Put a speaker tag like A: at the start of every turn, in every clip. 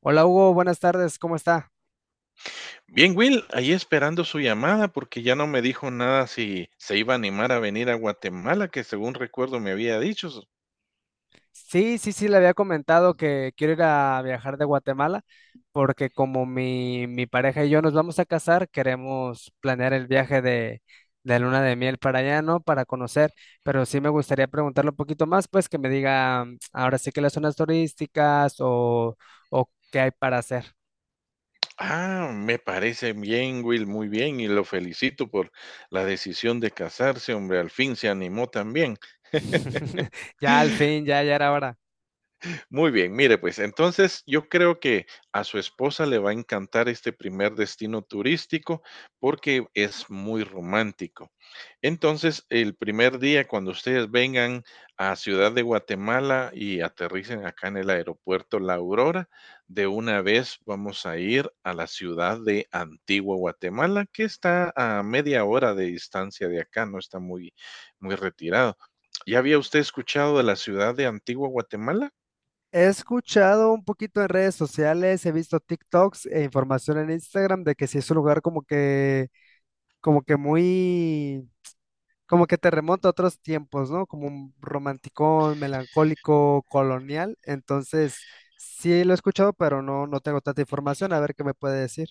A: Hola Hugo, buenas tardes, ¿cómo está?
B: Bien, Will, ahí esperando su llamada porque ya no me dijo nada si se iba a animar a venir a Guatemala, que según recuerdo me había dicho.
A: Sí, sí, sí, le había comentado que quiero ir a viajar de Guatemala porque como mi pareja y yo nos vamos a casar, queremos planear el viaje de luna de miel para allá, ¿no? Para conocer, pero sí me gustaría preguntarle un poquito más, pues que me diga ahora sí que las zonas turísticas o qué hay para hacer.
B: Ah, me parece bien, Will, muy bien, y lo felicito por la decisión de casarse, hombre, al fin se animó también.
A: Ya al fin, ya era hora.
B: Muy bien, mire, pues entonces yo creo que a su esposa le va a encantar este primer destino turístico porque es muy romántico. Entonces, el primer día cuando ustedes vengan a Ciudad de Guatemala y aterricen acá en el aeropuerto La Aurora, de una vez vamos a ir a la ciudad de Antigua Guatemala, que está a media hora de distancia de acá, no está muy, muy retirado. ¿Ya había usted escuchado de la ciudad de Antigua Guatemala?
A: He escuchado un poquito en redes sociales, he visto TikToks e información en Instagram de que sí es un lugar como que muy, como que te remonta a otros tiempos, ¿no? Como un romanticón, melancólico, colonial. Entonces, sí lo he escuchado, pero no, no tengo tanta información. A ver qué me puede decir.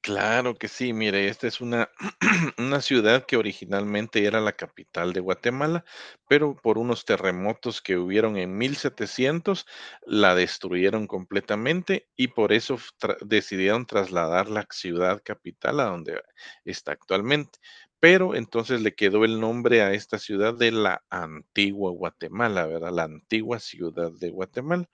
B: Claro que sí, mire, esta es una, una ciudad que originalmente era la capital de Guatemala, pero por unos terremotos que hubieron en 1700 la destruyeron completamente y por eso decidieron trasladar la ciudad capital a donde está actualmente. Pero entonces le quedó el nombre a esta ciudad de la antigua Guatemala, ¿verdad? La antigua ciudad de Guatemala.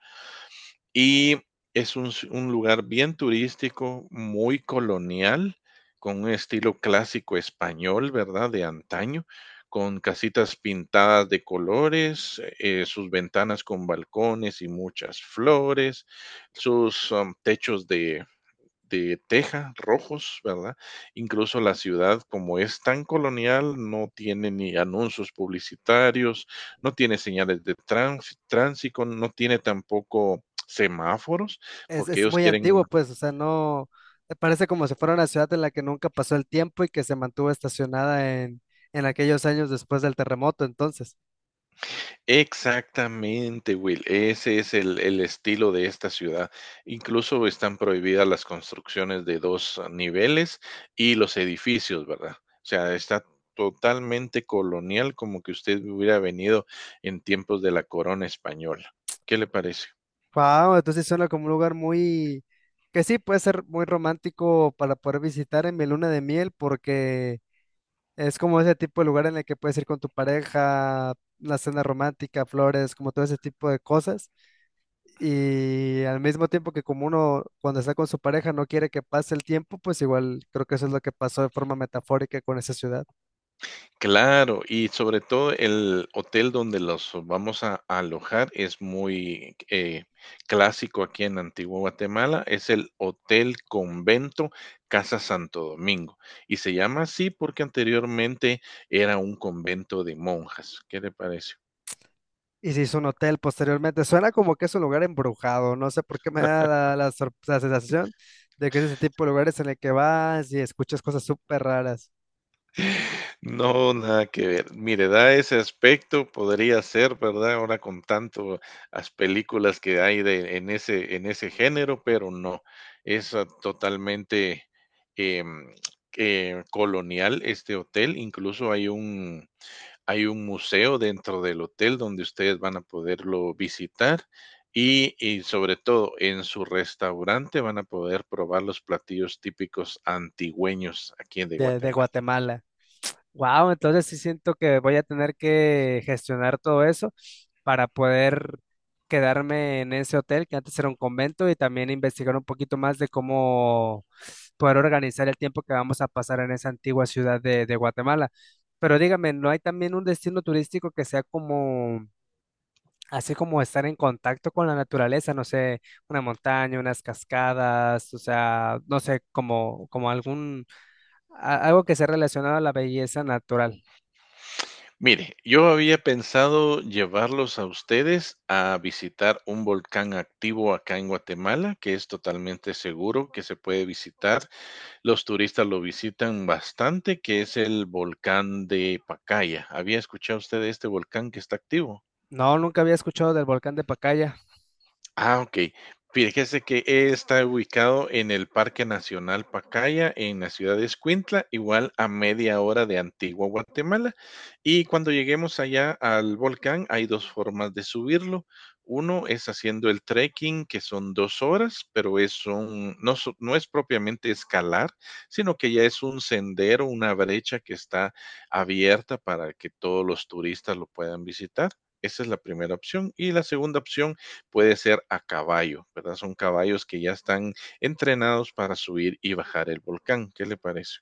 B: Y es un lugar bien turístico, muy colonial, con un estilo clásico español, ¿verdad? De antaño, con casitas pintadas de colores, sus ventanas con balcones y muchas flores, sus techos de teja rojos, ¿verdad? Incluso la ciudad, como es tan colonial, no tiene ni anuncios publicitarios, no tiene señales de tránsito, no tiene tampoco semáforos,
A: Es,
B: porque
A: es
B: ellos
A: muy
B: quieren.
A: antiguo, pues, o sea, no, me parece como si fuera una ciudad en la que nunca pasó el tiempo y que se mantuvo estacionada en aquellos años después del terremoto, entonces.
B: Exactamente, Will. Ese es el estilo de esta ciudad. Incluso están prohibidas las construcciones de dos niveles y los edificios, ¿verdad? O sea, está totalmente colonial, como que usted hubiera venido en tiempos de la corona española. ¿Qué le parece?
A: Wow, entonces suena como un lugar muy, que sí puede ser muy romántico para poder visitar en mi luna de miel, porque es como ese tipo de lugar en el que puedes ir con tu pareja, una cena romántica, flores, como todo ese tipo de cosas. Y al mismo tiempo que como uno cuando está con su pareja no quiere que pase el tiempo, pues igual creo que eso es lo que pasó de forma metafórica con esa ciudad.
B: Claro, y sobre todo el hotel donde los vamos a alojar es muy clásico aquí en Antigua Guatemala, es el Hotel Convento Casa Santo Domingo. Y se llama así porque anteriormente era un convento de monjas. ¿Qué te parece?
A: Y se hizo un hotel posteriormente. Suena como que es un lugar embrujado. No sé por qué me da la sensación de que es ese tipo de lugares en el que vas y escuchas cosas súper raras
B: No, nada que ver. Mire, da ese aspecto, podría ser, ¿verdad? Ahora con tanto las películas que hay en ese género, pero no. Es totalmente em, colonial este hotel. Incluso hay un museo dentro del hotel donde ustedes van a poderlo visitar. Y sobre todo en su restaurante van a poder probar los platillos típicos antigüeños aquí de
A: de
B: Guatemala.
A: Guatemala. Wow, entonces sí siento que voy a tener que gestionar todo eso para poder quedarme en ese hotel que antes era un convento y también investigar un poquito más de cómo poder organizar el tiempo que vamos a pasar en esa antigua ciudad de Guatemala. Pero dígame, ¿no hay también un destino turístico que sea como así como estar en contacto con la naturaleza, no sé, una montaña, unas cascadas, o sea, no sé, como, como algún, algo que sea relacionado a la belleza natural.
B: Mire, yo había pensado llevarlos a ustedes a visitar un volcán activo acá en Guatemala, que es totalmente seguro, que se puede visitar. Los turistas lo visitan bastante, que es el volcán de Pacaya. ¿Había escuchado usted de este volcán que está activo?
A: No, nunca había escuchado del volcán de Pacaya.
B: Ah, okey. Fíjese que está ubicado en el Parque Nacional Pacaya, en la ciudad de Escuintla, igual a media hora de Antigua Guatemala. Y cuando lleguemos allá al volcán, hay 2 formas de subirlo. Uno es haciendo el trekking, que son 2 horas, pero es un no so no es propiamente escalar, sino que ya es un sendero, una brecha que está abierta para que todos los turistas lo puedan visitar. Esa es la primera opción. Y la segunda opción puede ser a caballo, ¿verdad? Son caballos que ya están entrenados para subir y bajar el volcán. ¿Qué le parece?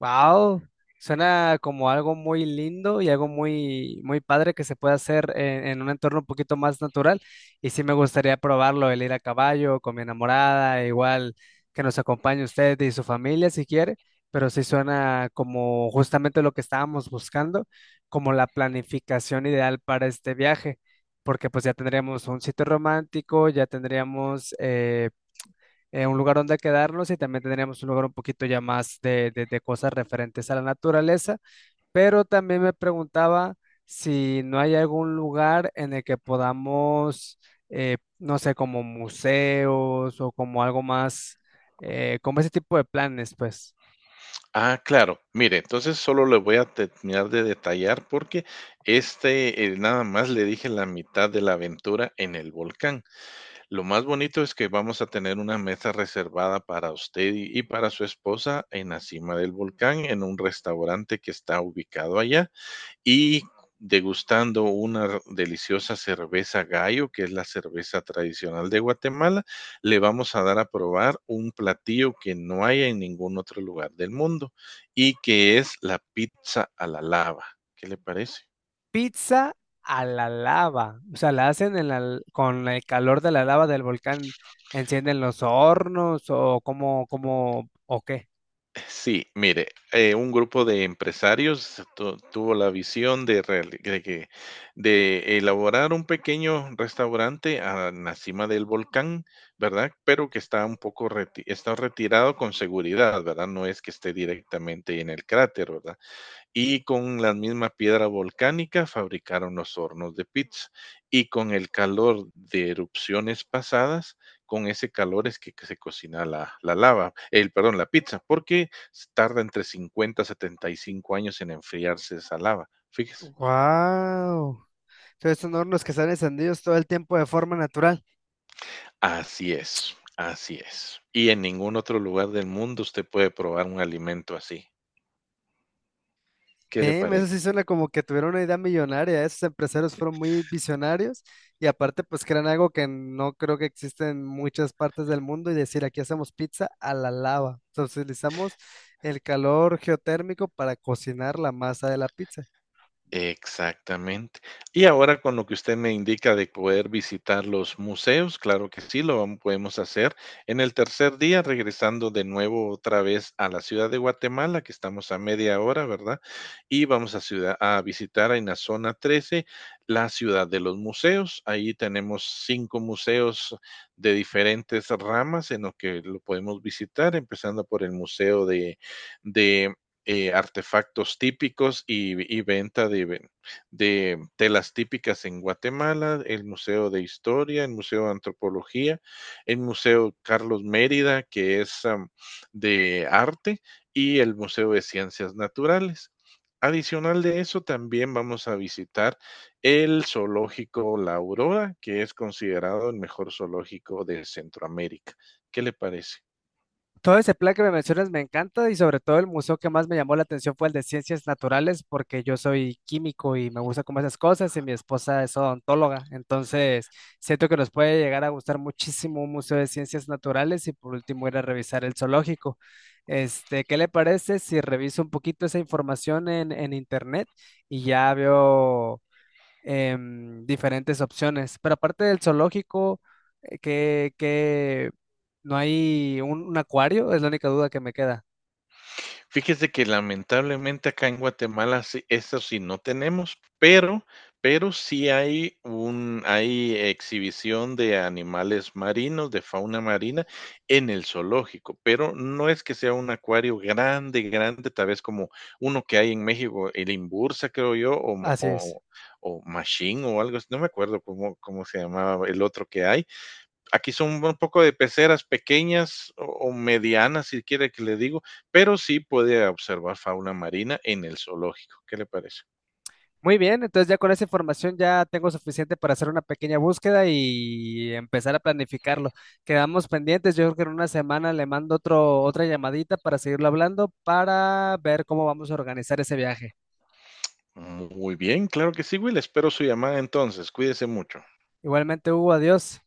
A: Wow, suena como algo muy lindo y algo muy, muy padre que se puede hacer en un entorno un poquito más natural. Y sí me gustaría probarlo, el ir a caballo con mi enamorada, igual que nos acompañe usted y su familia si quiere, pero sí suena como justamente lo que estábamos buscando, como la planificación ideal para este viaje, porque pues ya tendríamos un sitio romántico, ya tendríamos... un lugar donde quedarnos y también tendríamos un lugar un poquito ya más de, de cosas referentes a la naturaleza, pero también me preguntaba si no hay algún lugar en el que podamos, no sé, como museos o como algo más, como ese tipo de planes, pues.
B: Ah, claro. Mire, entonces solo le voy a terminar de detallar porque este nada más le dije la mitad de la aventura en el volcán. Lo más bonito es que vamos a tener una mesa reservada para usted y para su esposa en la cima del volcán en un restaurante que está ubicado allá. Y degustando una deliciosa cerveza gallo, que es la cerveza tradicional de Guatemala, le vamos a dar a probar un platillo que no hay en ningún otro lugar del mundo y que es la pizza a la lava. ¿Qué le parece?
A: Pizza a la lava, o sea, la hacen en con el calor de la lava del volcán, encienden los hornos o o qué.
B: Sí, mire, un grupo de empresarios tuvo la visión de, reali- de que- de elaborar un pequeño restaurante a la cima del volcán, ¿verdad? Pero que está un poco está retirado con seguridad, ¿verdad? No es que esté directamente en el cráter, ¿verdad? Y con la misma piedra volcánica fabricaron los hornos de pizza. Y con el calor de erupciones pasadas, con ese calor es que se cocina la lava, el, perdón, la pizza, porque tarda entre 50 a 75 años en enfriarse esa lava. Fíjese.
A: ¡Wow! Entonces son hornos que están encendidos todo el tiempo de forma natural.
B: Así es, así es. Y en ningún otro lugar del mundo usted puede probar un alimento así. ¿Qué le
A: Damn, eso
B: parece?
A: sí suena como que tuvieron una idea millonaria. Esos empresarios fueron muy visionarios y aparte pues crean algo que no creo que existe en muchas partes del mundo y decir aquí hacemos pizza a la lava. Entonces utilizamos el calor geotérmico para cocinar la masa de la pizza.
B: Exactamente. Y ahora con lo que usted me indica de poder visitar los museos, claro que sí, podemos hacer. En el tercer día, regresando de nuevo otra vez a la ciudad de Guatemala, que estamos a media hora, ¿verdad? Y vamos a visitar en la zona 13 la ciudad de los museos. Ahí tenemos cinco museos de diferentes ramas en los que lo podemos visitar, empezando por el Museo de artefactos típicos y venta de telas típicas en Guatemala, el Museo de Historia, el Museo de Antropología, el Museo Carlos Mérida, que es de arte, y el Museo de Ciencias Naturales. Adicional de eso, también vamos a visitar el zoológico La Aurora, que es considerado el mejor zoológico de Centroamérica. ¿Qué le parece?
A: Todo ese plan que me mencionas me encanta y sobre todo el museo que más me llamó la atención fue el de ciencias naturales porque yo soy químico y me gusta como esas cosas y mi esposa es odontóloga, entonces siento que nos puede llegar a gustar muchísimo un museo de ciencias naturales y por último ir a revisar el zoológico. Este, ¿qué le parece si reviso un poquito esa información en internet y ya veo? Diferentes opciones. Pero aparte del zoológico, que no hay un acuario, es la única duda que me queda.
B: Fíjese que lamentablemente acá en Guatemala sí, eso sí no tenemos, pero sí hay exhibición de animales marinos, de fauna marina en el zoológico, pero no es que sea un acuario grande, grande, tal vez como uno que hay en México, el Imbursa, creo yo, o mo
A: Así es.
B: o o Machín o algo así, no me acuerdo cómo se llamaba el otro que hay, aquí son un poco de peceras pequeñas o, medianas, si quiere que le digo, pero sí puede observar fauna marina en el zoológico. ¿Qué le parece?
A: Muy bien, entonces ya con esa información ya tengo suficiente para hacer una pequeña búsqueda y empezar a planificarlo. Quedamos pendientes, yo creo que en una semana le mando otra llamadita para seguirlo hablando, para ver cómo vamos a organizar ese viaje.
B: Muy bien, claro que sí, Will. Espero su llamada entonces. Cuídese mucho.
A: Igualmente, Hugo, adiós.